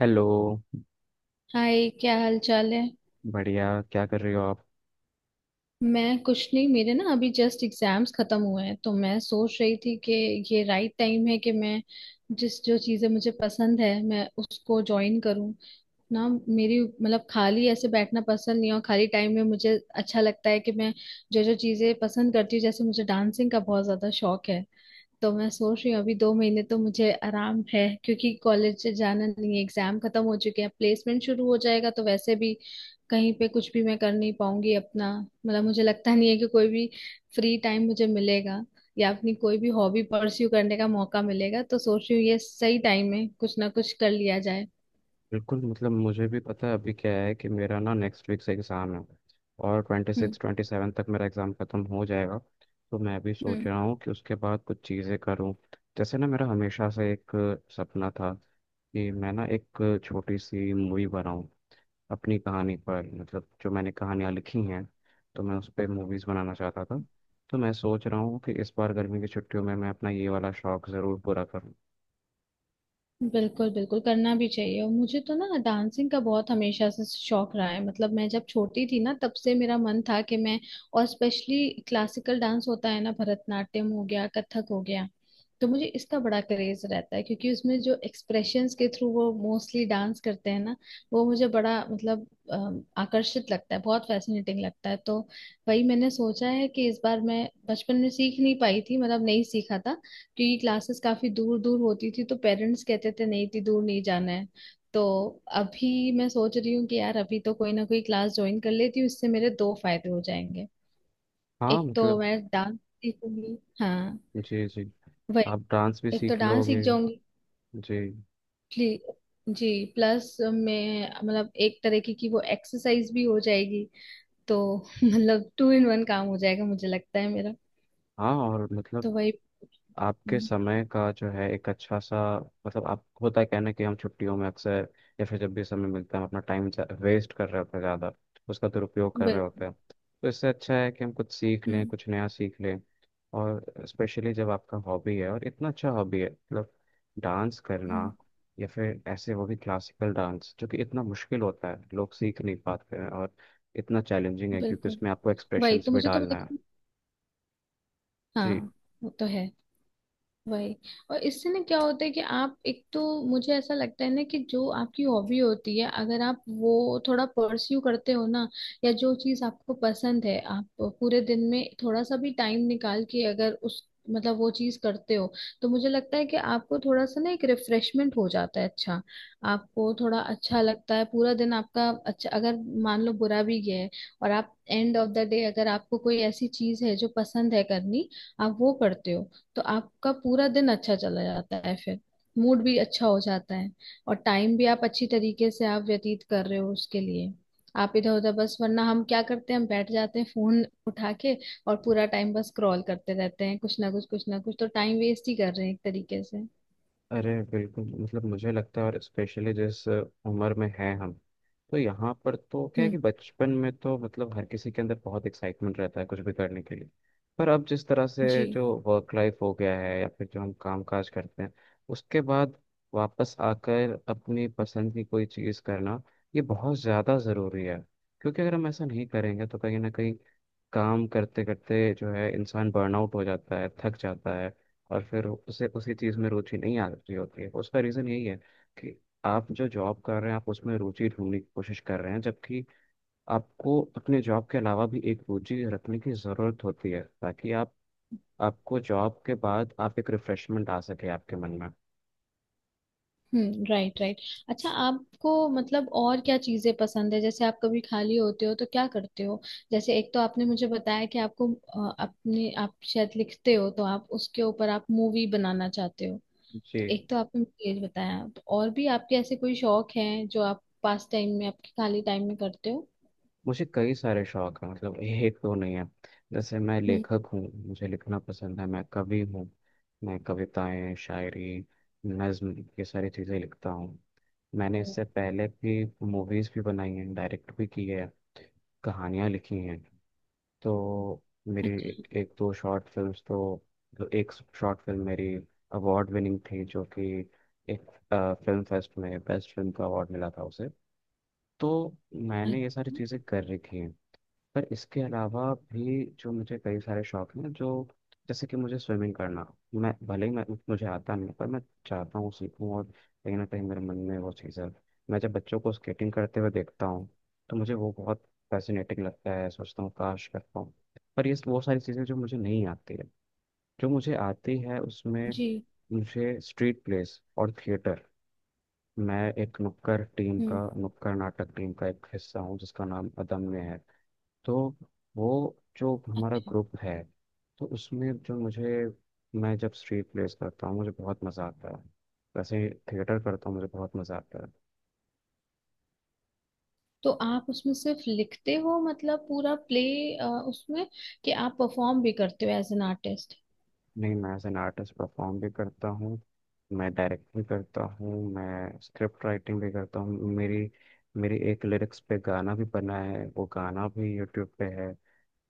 Hello. Hi, क्या हाल चाल है। बढ़िया। क्या कर रहे हो आप? मैं कुछ नहीं, मेरे ना अभी जस्ट एग्जाम्स खत्म हुए हैं तो मैं सोच रही थी कि ये राइट टाइम है कि मैं जिस जो चीजें मुझे पसंद है मैं उसको ज्वाइन करूं ना। मेरी मतलब खाली ऐसे बैठना पसंद नहीं है और खाली टाइम में मुझे अच्छा लगता है कि मैं जो जो चीजें पसंद करती हूँ, जैसे मुझे डांसिंग का बहुत ज्यादा शौक है। तो मैं सोच रही हूँ अभी दो महीने तो मुझे आराम है क्योंकि कॉलेज से जाना नहीं है, एग्जाम खत्म हो चुके हैं, प्लेसमेंट शुरू हो जाएगा तो वैसे भी कहीं पे कुछ भी मैं कर नहीं पाऊंगी अपना, मतलब मुझे लगता नहीं है कि कोई भी फ्री टाइम मुझे मिलेगा या अपनी कोई भी हॉबी परस्यू करने का मौका मिलेगा, तो सोच रही हूँ ये सही टाइम है कुछ ना कुछ कर लिया जाए। बिल्कुल। मतलब मुझे भी पता है, अभी क्या है कि मेरा ना नेक्स्ट वीक से एग्ज़ाम है, और twenty hmm. Six twenty seven तक मेरा एग्ज़ाम ख़त्म हो जाएगा। तो मैं भी सोच हम्म। रहा हूँ कि उसके बाद कुछ चीज़ें करूँ। जैसे ना, मेरा हमेशा से एक सपना था कि मैं ना एक छोटी सी मूवी बनाऊँ अपनी कहानी पर, मतलब जो मैंने कहानियाँ लिखी हैं, तो मैं उस पर मूवीज़ बनाना चाहता था। तो मैं सोच रहा हूँ कि इस बार गर्मी की छुट्टियों में मैं अपना ये वाला शौक ज़रूर पूरा करूँ। बिल्कुल बिल्कुल करना भी चाहिए और मुझे तो ना डांसिंग का बहुत हमेशा से शौक रहा है। मतलब मैं जब छोटी थी ना तब से मेरा मन था कि मैं, और स्पेशली क्लासिकल डांस होता है ना, भरतनाट्यम हो गया कथक हो गया, तो मुझे इसका बड़ा क्रेज रहता है क्योंकि उसमें जो एक्सप्रेशंस के थ्रू वो मोस्टली डांस करते हैं ना, वो मुझे बड़ा मतलब आकर्षित लगता है, बहुत फैसिनेटिंग लगता है। तो वही मैंने सोचा है कि इस बार मैं बचपन में सीख नहीं पाई थी, मतलब नहीं सीखा था क्योंकि क्लासेस काफी दूर दूर होती थी तो पेरेंट्स कहते थे नहीं, थी दूर नहीं जाना है। तो अभी मैं सोच रही हूँ कि यार अभी तो कोई ना कोई क्लास ज्वाइन कर लेती हूँ, इससे मेरे दो फायदे हो जाएंगे। हाँ, एक तो मतलब। मैं डांस सीखूंगी, हाँ जी, जी। वही। आप डांस भी एक तो सीख डांस लोगे। सीख जाऊंगी। जी। प्ली- जी। प्लस मैं मतलब एक तरीके की वो एक्सरसाइज भी हो जाएगी, तो मतलब टू इन वन काम हो जाएगा मुझे लगता है मेरा। हाँ, और तो मतलब वही। आपके हम्म, समय का जो है एक अच्छा सा, मतलब आप, होता है कहना कि हम छुट्टियों में अक्सर या फिर जब भी समय मिलता है हम अपना टाइम वेस्ट कर रहे होते हैं ज़्यादा, उसका दुरुपयोग कर रहे बिल्कुल। होते हैं। तो इससे अच्छा है कि हम कुछ सीख लें, हम्म। कुछ नया सीख लें। और स्पेशली जब आपका हॉबी है और इतना अच्छा हॉबी है, मतलब डांस करना, हम्म, या फिर ऐसे वो भी क्लासिकल डांस जो कि इतना मुश्किल होता है लोग सीख नहीं पाते हैं, और इतना चैलेंजिंग है क्योंकि बिल्कुल। उसमें आपको वही एक्सप्रेशंस तो भी मुझे तो, डालना है। लेकिन जी। हाँ, वो तो है वही। और इससे ना क्या होता है कि आप एक तो, मुझे ऐसा लगता है ना कि जो आपकी हॉबी होती है, अगर आप वो थोड़ा परस्यू करते हो ना, या जो चीज आपको पसंद है आप पूरे दिन में थोड़ा सा भी टाइम निकाल के अगर उस मतलब वो चीज करते हो, तो मुझे लगता है कि आपको थोड़ा सा ना एक रिफ्रेशमेंट हो जाता है। अच्छा, आपको थोड़ा अच्छा लगता है, पूरा दिन आपका अच्छा, अगर मान लो बुरा भी गया है और आप एंड ऑफ द डे अगर आपको कोई ऐसी चीज है जो पसंद है करनी, आप वो करते हो, तो आपका पूरा दिन अच्छा चला जाता है फिर, मूड भी अच्छा हो जाता है और टाइम भी आप अच्छी तरीके से आप व्यतीत कर रहे हो उसके लिए। आप इधर उधर बस, वरना हम क्या करते हैं, हम बैठ जाते हैं फोन उठा के और पूरा टाइम बस स्क्रॉल करते रहते हैं कुछ ना कुछ, कुछ ना कुछ, तो टाइम वेस्ट ही कर रहे हैं एक तरीके से। अरे बिल्कुल, मतलब मुझे लगता है, और स्पेशली जिस उम्र में हैं हम, तो यहाँ पर तो क्या है हम्म। कि बचपन में तो मतलब हर किसी के अंदर बहुत एक्साइटमेंट रहता है कुछ भी करने के लिए। पर अब जिस तरह जी। से जो वर्क लाइफ हो गया है या फिर जो हम काम काज करते हैं, उसके बाद वापस आकर अपनी पसंद की कोई चीज़ करना, ये बहुत ज़्यादा ज़रूरी है। क्योंकि अगर हम ऐसा नहीं करेंगे तो कहीं ना कहीं काम करते करते जो है इंसान बर्नआउट हो जाता है, थक जाता है, और फिर उसे उसी चीज़ में रुचि नहीं आ रही होती है, उसका रीज़न यही है कि आप जो जॉब कर रहे हैं आप उसमें रुचि ढूंढने की कोशिश कर रहे हैं, जबकि आपको अपने जॉब के अलावा भी एक रुचि रखने की ज़रूरत होती है ताकि आप, आपको जॉब के बाद आप एक रिफ्रेशमेंट आ सके आपके मन में। हम्म, राइट राइट। अच्छा, आपको मतलब और क्या चीजें पसंद है, जैसे आप कभी खाली होते हो तो क्या करते हो? जैसे एक तो आपने मुझे बताया कि आपको अपने आप शायद लिखते हो तो आप उसके ऊपर आप मूवी बनाना चाहते हो, जी। तो एक तो आपने मुझे ये बताया, तो और भी आपके ऐसे कोई शौक हैं जो आप पास टाइम में आपके खाली टाइम में करते हो? मुझे कई सारे शौक हैं, मतलब एक तो नहीं है। जैसे मैं हम्म। लेखक हूँ, मुझे लिखना पसंद है, मैं कवि हूँ। मैं कविताएं, शायरी, नज्म, ये सारी चीज़ें लिखता हूँ। मैंने इससे पहले भी मूवीज़ भी बनाई हैं, डायरेक्ट भी की है, कहानियाँ लिखी हैं। तो मेरी अच्छा। एक एक दो शॉर्ट फिल्म्स, तो एक शॉर्ट फिल्म मेरी अवार्ड विनिंग थी, जो कि एक फिल्म फेस्ट में बेस्ट फिल्म का अवार्ड मिला था उसे। तो मैंने ये सारी अच्छा। चीज़ें कर रखी हैं। पर इसके अलावा भी जो मुझे कई सारे शौक हैं, जो जैसे कि मुझे स्विमिंग करना, मैं भले ही मैं मुझे आता नहीं है, पर मैं चाहता हूँ सीखूँ। और कहीं ना कहीं मेरे मन में वो चीज़ है, मैं जब बच्चों को स्केटिंग करते हुए देखता हूँ तो मुझे वो बहुत फैसिनेटिंग लगता है, सोचता हूँ काश कर पाऊँ। पर ये वो सारी चीज़ें जो मुझे नहीं आती है। जो मुझे आती है उसमें, जी। मुझे स्ट्रीट प्लेस और थिएटर, मैं एक नुक्कड़ टीम का, हम्म। नुक्कड़ नाटक टीम का एक हिस्सा हूँ, जिसका नाम अदम्य है। तो वो जो हमारा ग्रुप है, तो उसमें जो मुझे, मैं जब स्ट्रीट प्लेस करता हूँ मुझे बहुत मज़ा आता है, वैसे थिएटर करता हूँ मुझे बहुत मज़ा आता है। तो आप उसमें सिर्फ लिखते हो मतलब पूरा प्ले उसमें, कि आप परफॉर्म भी करते हो एज एन आर्टिस्ट? नहीं, मैं एज एन आर्टिस्ट परफॉर्म भी करता हूँ, मैं डायरेक्ट भी करता हूँ, मैं स्क्रिप्ट राइटिंग भी करता हूँ। मेरी मेरी एक लिरिक्स पे गाना भी बना है, वो गाना भी यूट्यूब पे है।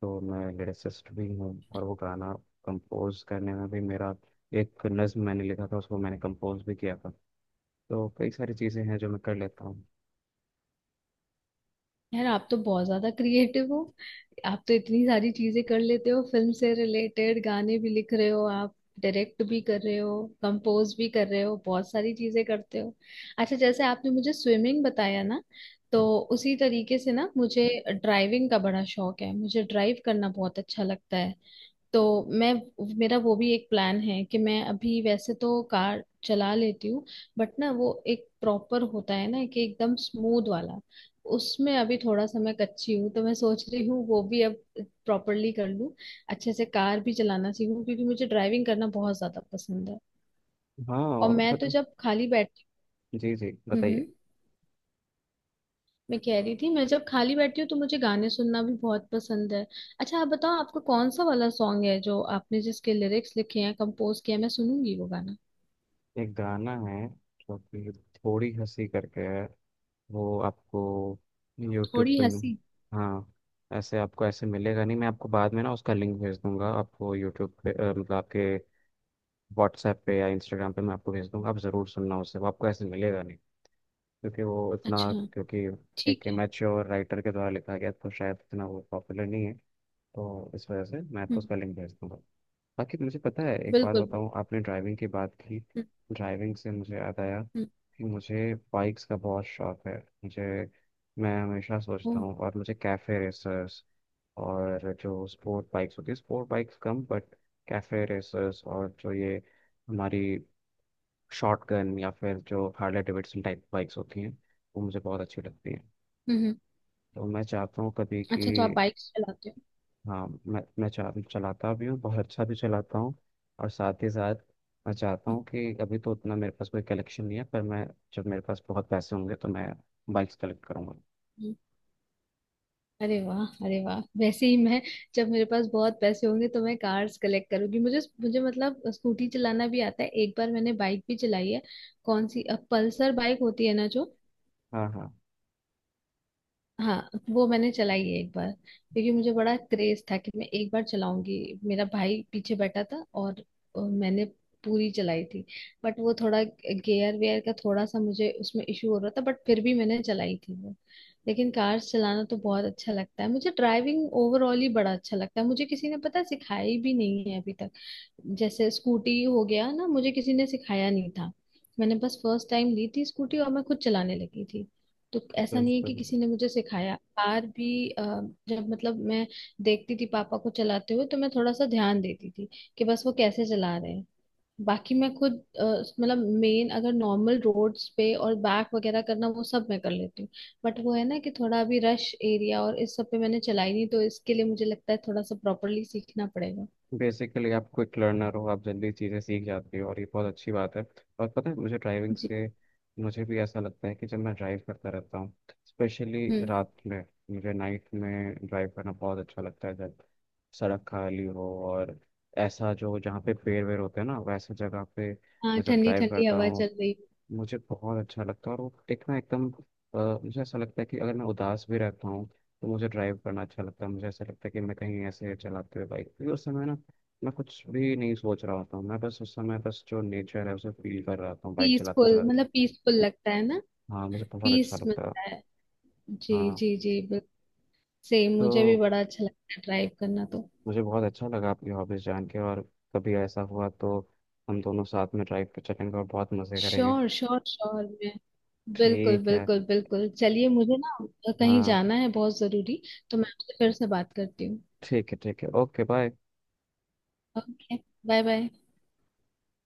तो मैं लिरिसिस्ट भी हूँ। और वो गाना कंपोज करने में भी मेरा, एक नज्म मैंने लिखा था उसको मैंने कंपोज भी किया था। तो कई सारी चीज़ें हैं जो मैं कर लेता हूँ। यार आप तो बहुत ज्यादा क्रिएटिव हो, आप तो इतनी सारी चीजें कर लेते हो, फिल्म से रिलेटेड गाने भी लिख रहे हो आप, डायरेक्ट भी कर रहे हो, कंपोज भी कर रहे हो, बहुत सारी चीजें करते हो। अच्छा, जैसे आपने मुझे स्विमिंग बताया ना, तो हाँ, उसी तरीके से ना मुझे ड्राइविंग का बड़ा शौक है, मुझे ड्राइव करना बहुत अच्छा लगता है। तो मैं, मेरा वो भी एक प्लान है कि मैं अभी वैसे तो कार चला लेती हूँ, बट ना वो एक प्रॉपर होता है ना कि एकदम स्मूथ वाला, उसमें अभी थोड़ा सा मैं कच्ची हूँ तो मैं सोच रही हूँ वो भी अब प्रॉपरली कर लूँ, अच्छे से कार भी चलाना सीखूँ क्योंकि मुझे ड्राइविंग करना बहुत ज्यादा पसंद है। हाँ, और मैं तो जब खाली बैठती जी, जी, हूँ, बताइए। मैं कह रही थी मैं जब खाली बैठती हूँ तो मुझे गाने सुनना भी बहुत पसंद है। अच्छा आप बताओ आपको कौन सा वाला सॉन्ग है जो आपने, जिसके लिरिक्स लिखे हैं कंपोज किया है? मैं सुनूंगी वो गाना। एक गाना है जो कि थोड़ी हंसी करके है, वो आपको यूट्यूब थोड़ी पे मिल- हंसी। हाँ, ऐसे आपको ऐसे मिलेगा नहीं, मैं आपको बाद में ना उसका लिंक भेज दूंगा, आपको यूट्यूब पे। मतलब आपके व्हाट्सएप पे या इंस्टाग्राम पे मैं आपको भेज दूंगा, आप ज़रूर सुनना उसे, वो आपको ऐसे मिलेगा नहीं क्योंकि वो इतना, अच्छा, क्योंकि ठीक एक है। मैच्योर राइटर के द्वारा लिखा गया तो शायद इतना वो पॉपुलर नहीं है। तो इस वजह से मैं आपको हम्म। उसका लिंक भेज दूंगा। बाकी मुझे पता है, एक बात बिल्कुल बिल्कुल। बताऊँ, आपने ड्राइविंग की बात की, हम्म। ड्राइविंग से मुझे याद आया हम्म, कि मुझे बाइक्स का बहुत शौक है। मुझे, मैं हमेशा सोचता ओह, हूँ, और मुझे कैफे रेसर्स और जो स्पोर्ट बाइक्स होती है, स्पोर्ट बाइक्स कम, बट कैफे रेसर्स और जो ये हमारी शॉटगन या फिर जो हार्ले डेविडसन टाइप बाइक्स होती हैं, वो मुझे बहुत अच्छी लगती हैं। हम्म, हम्म। तो मैं चाहता हूँ कभी कि, अच्छा तो आप बाइक चलाते हो? हाँ, चलाता भी हूँ, बहुत अच्छा भी चलाता हूँ। और साथ ही साथ मैं चाहता हम्म, हूँ कि, अभी तो उतना मेरे पास कोई कलेक्शन नहीं है, पर मैं जब मेरे पास बहुत पैसे होंगे तो मैं बाइक्स कलेक्ट करूँगा। हम्म। अरे वाह, अरे वाह! वैसे ही मैं, जब मेरे पास बहुत पैसे होंगे तो मैं कार्स कलेक्ट करूंगी। मुझे मुझे मतलब स्कूटी चलाना भी आता है, एक बार मैंने बाइक भी चलाई है। कौन सी, अब पल्सर बाइक होती है ना जो, हाँ, हाँ, हाँ वो मैंने चलाई है एक बार क्योंकि मुझे बड़ा क्रेज था कि मैं एक बार चलाऊंगी। मेरा भाई पीछे बैठा था और मैंने पूरी चलाई थी, बट वो थोड़ा गियर वेयर का थोड़ा सा मुझे उसमें इशू हो रहा था, बट फिर भी मैंने चलाई थी वो। लेकिन कार्स चलाना तो बहुत अच्छा लगता है मुझे, ड्राइविंग ओवरऑल ही बड़ा अच्छा लगता है मुझे, किसी ने पता है सिखाई भी नहीं है अभी तक। जैसे स्कूटी हो गया ना, मुझे किसी ने सिखाया नहीं था, मैंने बस फर्स्ट टाइम ली थी स्कूटी और मैं खुद चलाने लगी थी। तो ऐसा बिल्कुल। नहीं है कि किसी ने मुझे सिखाया, कार भी जब मतलब मैं देखती थी पापा को चलाते हुए तो मैं थोड़ा सा ध्यान देती थी कि बस वो कैसे चला रहे हैं, बाकी मैं खुद अ, मतलब मेन अगर नॉर्मल रोड्स पे और बैक वगैरह करना वो सब मैं कर लेती हूँ, बट वो है ना कि थोड़ा अभी रश एरिया और इस सब पे मैंने चलाई नहीं, तो इसके लिए मुझे लगता है थोड़ा सा प्रॉपरली सीखना पड़ेगा। बेसिकली आप क्विक लर्नर हो, आप जल्दी चीज़ें सीख जाते हो, और ये बहुत अच्छी बात है। और पता है, मुझे ड्राइविंग जी। से मुझे भी ऐसा लगता है कि जब मैं ड्राइव करता रहता हूँ, स्पेशली हम्म। रात में, मुझे नाइट में ड्राइव करना बहुत अच्छा लगता है जब सड़क खाली हो, और ऐसा जो जहाँ पे पेड़ वेड़ होते हैं ना, वैसे जगह पे हाँ, मैं जब ठंडी ड्राइव ठंडी करता हवा हूँ चल रही। मुझे बहुत अच्छा लगता है। और वो एक ना एकदम, मुझे ऐसा लगता है कि अगर मैं उदास भी रहता हूँ तो मुझे ड्राइव करना अच्छा लगता है। मुझे ऐसा लगता है कि मैं कहीं ऐसे चलाते हुए बाइक, क्योंकि उस समय ना मैं कुछ भी नहीं सोच रहा होता हूँ, मैं बस उस समय बस जो नेचर है उसे फील कर रहा होता हूँ बाइक चलाते पीसफुल, चलाते। मतलब पीसफुल लगता है ना। हाँ, मुझे बहुत अच्छा पीस लगता है। मिलता है। जी हाँ। जी जी, बिल्कुल। सेम, मुझे भी तो बड़ा अच्छा लगता है ड्राइव करना, तो। मुझे बहुत अच्छा लगा आपकी हॉबीज जान के। और कभी ऐसा हुआ तो हम दोनों साथ में ड्राइव पे चलेंगे और बहुत मज़े करेंगे। श्योर श्योर श्योर, मैं बिल्कुल ठीक है। बिल्कुल बिल्कुल, चलिए। मुझे ना कहीं हाँ, जाना है बहुत जरूरी, तो मैं आपसे फिर से बात करती हूँ। ठीक है, ठीक है, okay bye. Okay bye bye.